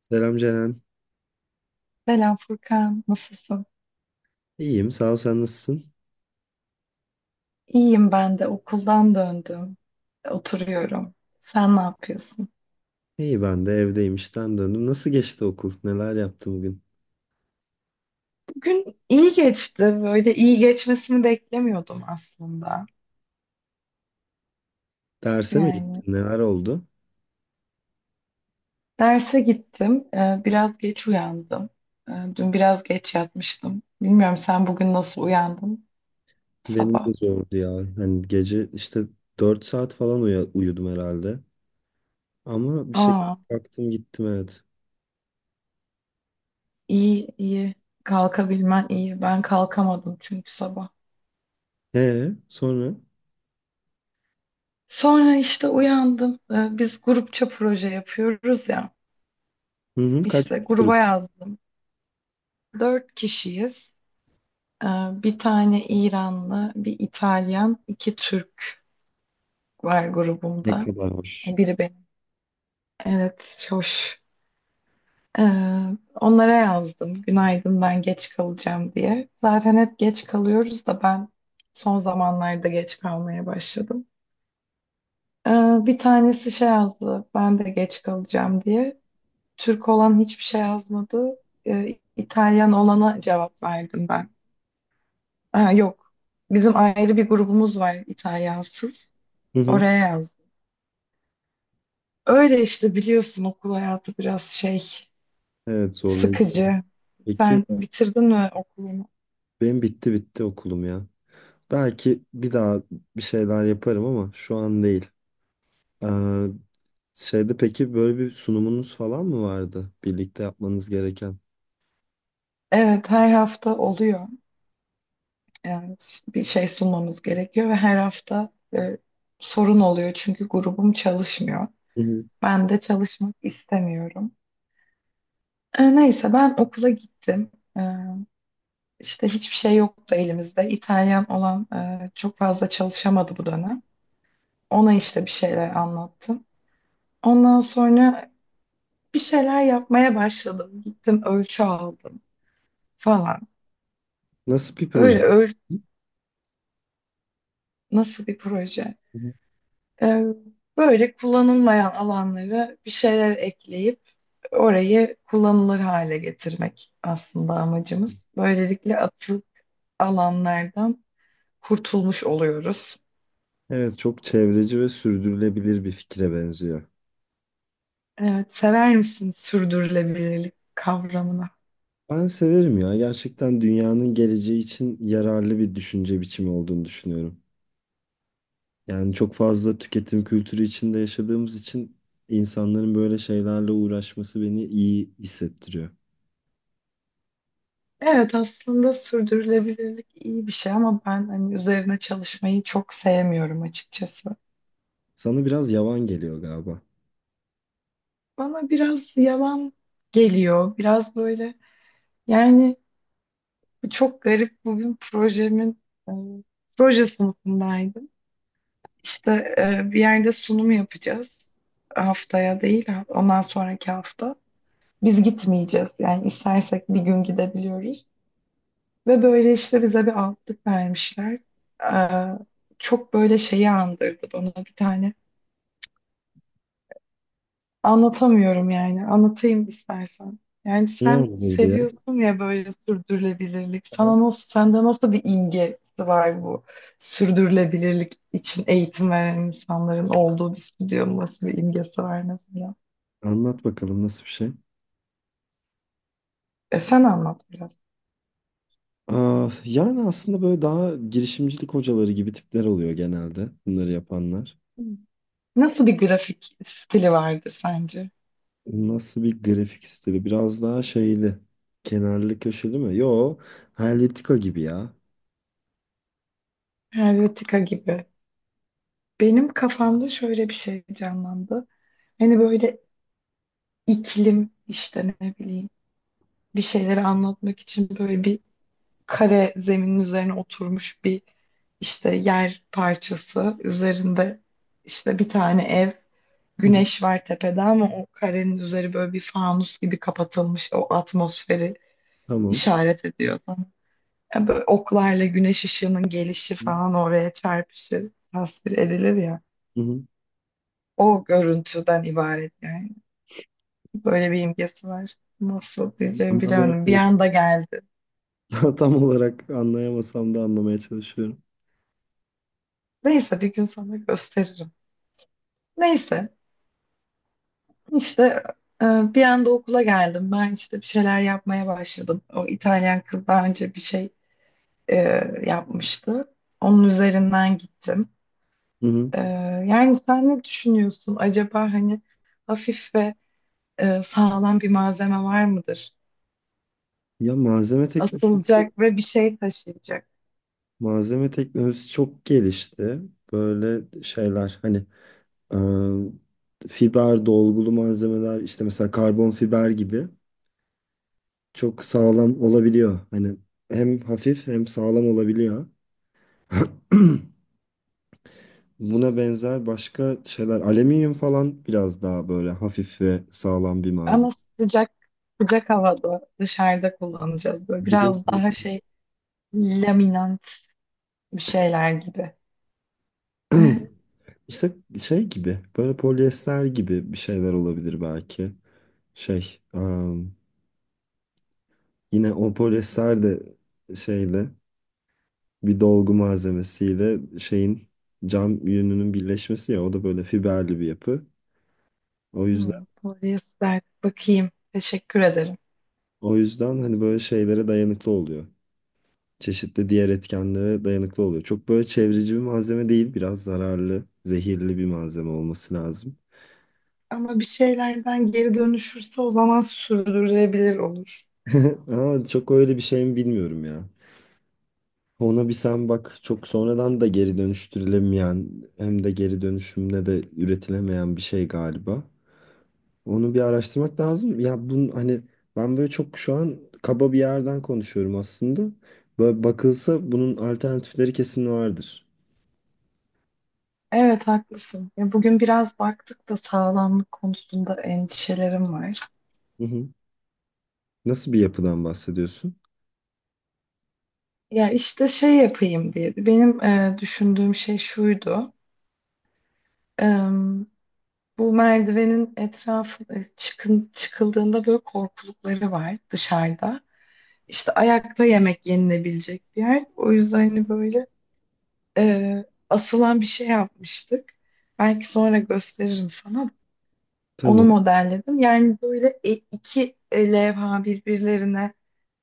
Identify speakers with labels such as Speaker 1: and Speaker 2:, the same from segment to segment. Speaker 1: Selam Ceren.
Speaker 2: Selam Furkan, nasılsın?
Speaker 1: İyiyim, sağ ol. Sen nasılsın?
Speaker 2: İyiyim ben de okuldan döndüm. Oturuyorum. Sen ne yapıyorsun?
Speaker 1: İyi ben de evdeyim, işten döndüm. Nasıl geçti okul? Neler yaptın bugün?
Speaker 2: Bugün iyi geçti. Böyle iyi geçmesini beklemiyordum aslında.
Speaker 1: Derse mi
Speaker 2: Yani
Speaker 1: gittin? Neler oldu?
Speaker 2: derse gittim. Biraz geç uyandım. Dün biraz geç yatmıştım. Bilmiyorum sen bugün nasıl uyandın
Speaker 1: Benim
Speaker 2: sabah?
Speaker 1: de zordu ya. Hani gece işte 4 saat falan uyudum herhalde. Ama bir şekilde
Speaker 2: Aa,
Speaker 1: kalktım gittim evet.
Speaker 2: iyi. Kalkabilmen iyi. Ben kalkamadım çünkü sabah.
Speaker 1: Sonra?
Speaker 2: Sonra işte uyandım. Biz grupça proje yapıyoruz ya.
Speaker 1: Hı hı, kaç
Speaker 2: İşte gruba
Speaker 1: grup?
Speaker 2: yazdım. Dört kişiyiz. Ee, Bir tane İranlı, bir İtalyan, iki Türk var
Speaker 1: Ne
Speaker 2: grubumda.
Speaker 1: kadar hoş.
Speaker 2: Biri benim. Evet, hoş. Ee, Onlara yazdım. Günaydın ben geç kalacağım diye. Zaten hep geç kalıyoruz da ben son zamanlarda geç kalmaya başladım. Ee, Bir tanesi şey yazdı. Ben de geç kalacağım diye. Türk olan hiçbir şey yazmadı. İtalyan olana cevap verdim ben. Ha, yok. Bizim ayrı bir grubumuz var İtalyansız.
Speaker 1: Hı hı.
Speaker 2: Oraya yazdım. Öyle işte biliyorsun okul hayatı biraz şey
Speaker 1: Evet zorlayıcı.
Speaker 2: sıkıcı.
Speaker 1: Peki
Speaker 2: Sen bitirdin mi okulunu?
Speaker 1: benim bitti bitti okulum ya. Belki bir daha bir şeyler yaparım ama şu an değil. Ee, Şeyde peki böyle bir sunumunuz falan mı vardı? Birlikte yapmanız gereken.
Speaker 2: Evet her hafta oluyor. Yani bir şey sunmamız gerekiyor ve her hafta sorun oluyor çünkü grubum çalışmıyor.
Speaker 1: Hı hı.
Speaker 2: Ben de çalışmak istemiyorum. Neyse ben okula gittim. E, işte hiçbir şey yoktu elimizde. İtalyan olan çok fazla çalışamadı bu dönem. Ona işte bir şeyler anlattım. Ondan sonra bir şeyler yapmaya başladım. Gittim ölçü aldım falan.
Speaker 1: Nasıl bir proje?
Speaker 2: Öyle öl
Speaker 1: Hı
Speaker 2: nasıl bir proje?
Speaker 1: hı.
Speaker 2: Ee, Böyle kullanılmayan alanlara bir şeyler ekleyip orayı kullanılır hale getirmek aslında amacımız. Böylelikle atık alanlardan kurtulmuş oluyoruz.
Speaker 1: Evet, çok çevreci ve sürdürülebilir bir fikre benziyor.
Speaker 2: Evet, sever misin sürdürülebilirlik kavramını?
Speaker 1: Ben severim ya. Gerçekten dünyanın geleceği için yararlı bir düşünce biçimi olduğunu düşünüyorum. Yani çok fazla tüketim kültürü içinde yaşadığımız için insanların böyle şeylerle uğraşması beni iyi hissettiriyor.
Speaker 2: Evet aslında sürdürülebilirlik iyi bir şey ama ben hani üzerine çalışmayı çok sevmiyorum açıkçası.
Speaker 1: Sana biraz yavan geliyor galiba.
Speaker 2: Bana biraz yalan geliyor. Biraz böyle yani çok garip bugün projemin e, proje sınıfındaydım. İşte bir yerde sunum yapacağız. Haftaya değil ondan sonraki hafta. Biz gitmeyeceğiz. Yani istersek bir gün gidebiliyoruz. Ve böyle işte bize bir altlık vermişler. Eee, Çok böyle şeyi andırdı bana bir tane. Anlatamıyorum yani. Anlatayım istersen. Yani
Speaker 1: Niye
Speaker 2: sen
Speaker 1: öyledir diye.
Speaker 2: seviyorsun ya böyle sürdürülebilirlik.
Speaker 1: Aha.
Speaker 2: Sana nasıl, sende nasıl bir imgesi var bu sürdürülebilirlik için eğitim veren insanların olduğu bir stüdyonun nasıl bir imgesi var mesela?
Speaker 1: Anlat bakalım, nasıl bir şey?
Speaker 2: E sen anlat biraz.
Speaker 1: Aa, yani aslında böyle daha girişimcilik hocaları gibi tipler oluyor genelde bunları yapanlar.
Speaker 2: Nasıl bir grafik stili vardır sence?
Speaker 1: Nasıl bir grafik stili? Biraz daha şeyli. Kenarlı köşeli mi? Yo, Helvetica gibi ya.
Speaker 2: Helvetica gibi. Benim kafamda şöyle bir şey canlandı. Hani böyle iklim işte ne bileyim bir şeyleri anlatmak için böyle bir kare zeminin üzerine oturmuş bir işte yer parçası üzerinde işte bir tane ev
Speaker 1: Hı hı,
Speaker 2: güneş var tepede ama o karenin üzeri böyle bir fanus gibi kapatılmış o atmosferi
Speaker 1: tamam.
Speaker 2: işaret ediyor sana. Ya böyle oklarla güneş ışığının gelişi
Speaker 1: Hı
Speaker 2: falan oraya çarpışı tasvir edilir ya.
Speaker 1: hı.
Speaker 2: O görüntüden ibaret yani. Böyle bir imgesi var. Nasıl diyeceğimi
Speaker 1: Anlamaya
Speaker 2: bilemedim. Bir
Speaker 1: çalışıyorum.
Speaker 2: anda geldi.
Speaker 1: Tam olarak anlayamasam da anlamaya çalışıyorum.
Speaker 2: Neyse bir gün sana gösteririm. Neyse işte e, bir anda okula geldim. Ben işte bir şeyler yapmaya başladım. O İtalyan kız daha önce bir şey e, yapmıştı. Onun üzerinden gittim.
Speaker 1: Hı hı.
Speaker 2: E, Yani sen ne düşünüyorsun? Acaba hani hafif ve sağlam bir malzeme var mıdır?
Speaker 1: Ya malzeme teknolojisi,
Speaker 2: Asılacak ve bir şey taşıyacak.
Speaker 1: malzeme teknolojisi çok gelişti. Böyle şeyler hani fiber dolgulu malzemeler işte mesela karbon fiber gibi. Çok sağlam olabiliyor. Hani hem hafif hem sağlam olabiliyor. Buna benzer başka şeyler. Alüminyum falan biraz daha böyle hafif ve sağlam bir
Speaker 2: Ama
Speaker 1: malzeme.
Speaker 2: sıcak sıcak havada dışarıda kullanacağız. Böyle
Speaker 1: Bir de
Speaker 2: biraz daha şey laminant bir şeyler gibi.
Speaker 1: işte şey gibi böyle polyester gibi bir şeyler olabilir belki. Şey yine o polyester de şeyle bir dolgu malzemesiyle şeyin cam yününün birleşmesi ya o da böyle fiberli bir yapı. O yüzden
Speaker 2: Hmm, polyester bakayım. Teşekkür ederim.
Speaker 1: o yüzden hani böyle şeylere dayanıklı oluyor. Çeşitli diğer etkenlere dayanıklı oluyor. Çok böyle çevreci bir malzeme değil. Biraz zararlı, zehirli bir malzeme olması lazım.
Speaker 2: Ama bir şeylerden geri dönüşürse o zaman sürdürülebilir olur.
Speaker 1: Aa, çok öyle bir şey mi bilmiyorum ya. Ona bir sen bak, çok sonradan da geri dönüştürülemeyen hem de geri dönüşümle de üretilemeyen bir şey galiba. Onu bir araştırmak lazım. Ya bunun hani ben böyle çok şu an kaba bir yerden konuşuyorum aslında. Böyle bakılsa bunun alternatifleri kesin vardır.
Speaker 2: Evet haklısın. Ya bugün biraz baktık da sağlamlık konusunda endişelerim var.
Speaker 1: Hı hı. Nasıl bir yapıdan bahsediyorsun?
Speaker 2: Ya işte şey yapayım diye. Benim düşündüğüm şey şuydu. Bu merdivenin etrafı çıkıldığında böyle korkulukları var dışarıda. İşte ayakta yemek yenilebilecek bir yer. O yüzden hani böyle e, asılan bir şey yapmıştık. Belki sonra gösteririm sana. Onu
Speaker 1: Tamam.
Speaker 2: modelledim. Yani böyle iki levha birbirlerine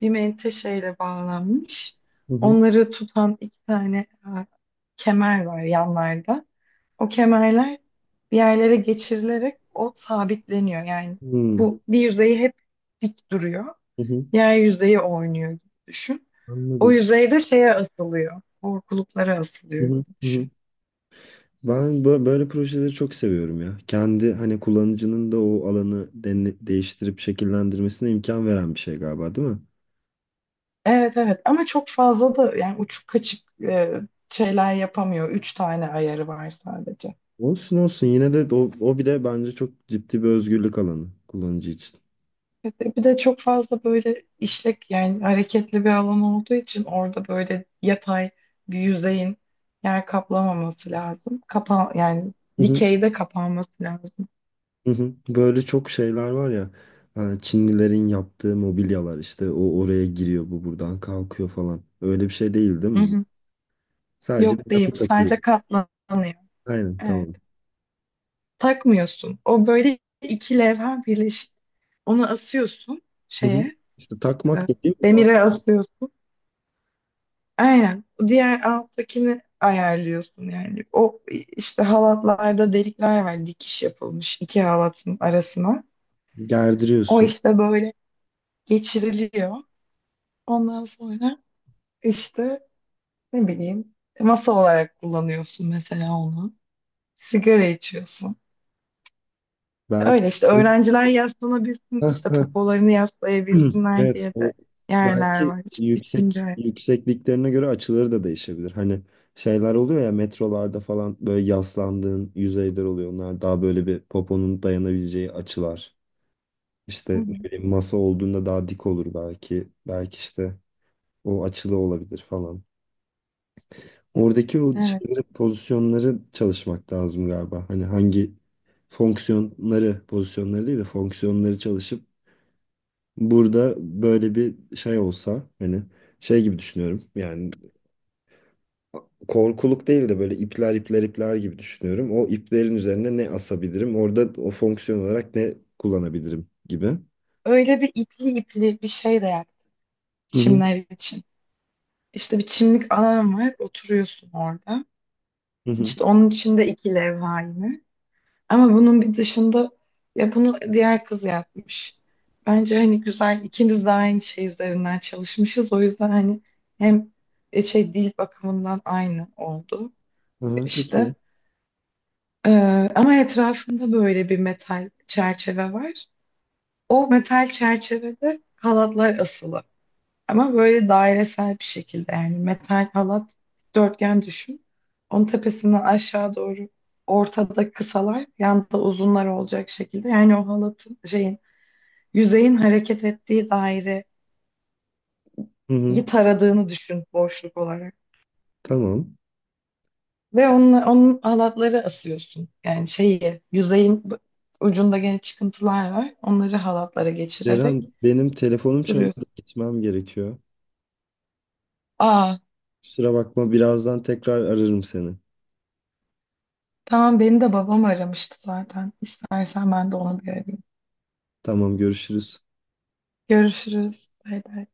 Speaker 2: bir menteşeyle bağlanmış.
Speaker 1: Hı hı.
Speaker 2: Onları tutan iki tane kemer var yanlarda. O kemerler bir yerlere geçirilerek o sabitleniyor. Yani
Speaker 1: Hmm.
Speaker 2: bu bir yüzeyi hep dik duruyor.
Speaker 1: Hı hı.
Speaker 2: Diğer yüzeyi oynuyor gibi düşün. O
Speaker 1: Anladım.
Speaker 2: yüzey de şeye asılıyor. Korkuluklara
Speaker 1: Hı
Speaker 2: asılıyor
Speaker 1: hı.
Speaker 2: gibi
Speaker 1: Hı hı.
Speaker 2: düşün.
Speaker 1: Ben böyle projeleri çok seviyorum ya. Kendi hani kullanıcının da o alanı değiştirip şekillendirmesine imkan veren bir şey galiba, değil mi?
Speaker 2: Evet, evet, ama çok fazla da yani uçuk kaçık şeyler yapamıyor. Üç tane ayarı var sadece.
Speaker 1: Olsun olsun, yine de o, o bir de bence çok ciddi bir özgürlük alanı kullanıcı için.
Speaker 2: Bir de çok fazla böyle işlek yani hareketli bir alan olduğu için orada böyle yatay bir yüzeyin yer kaplamaması lazım. Kapa yani
Speaker 1: Hı hı.
Speaker 2: dikeyde kapanması lazım.
Speaker 1: Hı hı. Böyle çok şeyler var ya. Ha, Çinlilerin yaptığı mobilyalar işte o oraya giriyor bu buradan kalkıyor falan. Öyle bir şey değil değil
Speaker 2: Hı
Speaker 1: mi?
Speaker 2: hı.
Speaker 1: Sadece bir
Speaker 2: Yok değil
Speaker 1: lafı
Speaker 2: bu
Speaker 1: takıyor.
Speaker 2: sadece katlanıyor.
Speaker 1: Aynen
Speaker 2: Evet.
Speaker 1: tamam.
Speaker 2: Takmıyorsun. O böyle iki levha birleşik. Onu asıyorsun
Speaker 1: Hı hı.
Speaker 2: şeye,
Speaker 1: İşte takmak
Speaker 2: e,
Speaker 1: dediğim o,
Speaker 2: demire asıyorsun. Aynen. Diğer alttakini ayarlıyorsun yani. O işte halatlarda delikler var. Dikiş yapılmış iki halatın arasına. O
Speaker 1: gerdiriyorsun.
Speaker 2: işte böyle geçiriliyor. Ondan sonra işte ne bileyim masa olarak kullanıyorsun mesela onu. Sigara içiyorsun.
Speaker 1: Belki
Speaker 2: Öyle işte öğrenciler yaslanabilsin
Speaker 1: heh,
Speaker 2: işte
Speaker 1: heh.
Speaker 2: popolarını yaslayabilsinler
Speaker 1: Evet
Speaker 2: diye
Speaker 1: o
Speaker 2: de yerler
Speaker 1: belki
Speaker 2: var. İşte üçüncü
Speaker 1: yüksek
Speaker 2: ay.
Speaker 1: yüksekliklerine göre açıları da değişebilir. Hani şeyler oluyor ya metrolarda falan böyle yaslandığın yüzeyler oluyor. Onlar daha böyle bir poponun dayanabileceği açılar.
Speaker 2: Hı
Speaker 1: İşte
Speaker 2: hı.
Speaker 1: ne bileyim masa olduğunda daha dik olur belki. Belki işte o açılı olabilir falan. Oradaki o
Speaker 2: Evet.
Speaker 1: şeyleri, pozisyonları çalışmak lazım galiba. Hani hangi fonksiyonları, pozisyonları değil de fonksiyonları çalışıp burada böyle bir şey olsa hani şey gibi düşünüyorum. Yani korkuluk değil de böyle ipler ipler ipler gibi düşünüyorum. O iplerin üzerine ne asabilirim? Orada o fonksiyon olarak ne kullanabilirim gibi.
Speaker 2: Öyle bir ipli ipli bir şey de yaptım
Speaker 1: Hı hı
Speaker 2: çimler için. İşte bir çimlik alan var. Oturuyorsun orada.
Speaker 1: hı. Hı.
Speaker 2: İşte onun içinde iki levha yine. Ama bunun bir dışında ya bunu diğer kız yapmış. Bence hani güzel ikimiz de aynı şey üzerinden çalışmışız. O yüzden hani hem şey dil bakımından aynı oldu
Speaker 1: Aha, çok
Speaker 2: işte.
Speaker 1: iyi.
Speaker 2: Ama etrafında böyle bir metal çerçeve var. O metal çerçevede halatlar asılı. Ama böyle dairesel bir şekilde yani metal halat dörtgen düşün. Onun tepesinden aşağı doğru ortada kısalar, yanda uzunlar olacak şekilde. Yani o halatın şeyin yüzeyin hareket ettiği daireyi
Speaker 1: Hı hı.
Speaker 2: taradığını düşün boşluk olarak.
Speaker 1: Tamam.
Speaker 2: Ve onunla, onun halatları asıyorsun. Yani şeyi yüzeyin ucunda gene çıkıntılar var. Onları halatlara geçirerek
Speaker 1: Ceren benim telefonum çalıyor da
Speaker 2: duruyorsun.
Speaker 1: gitmem gerekiyor.
Speaker 2: Aa
Speaker 1: Kusura bakma, birazdan tekrar ararım seni.
Speaker 2: tamam beni de babam aramıştı zaten. İstersen ben de onu bir arayayım.
Speaker 1: Tamam, görüşürüz.
Speaker 2: Görüşürüz. Bay bay.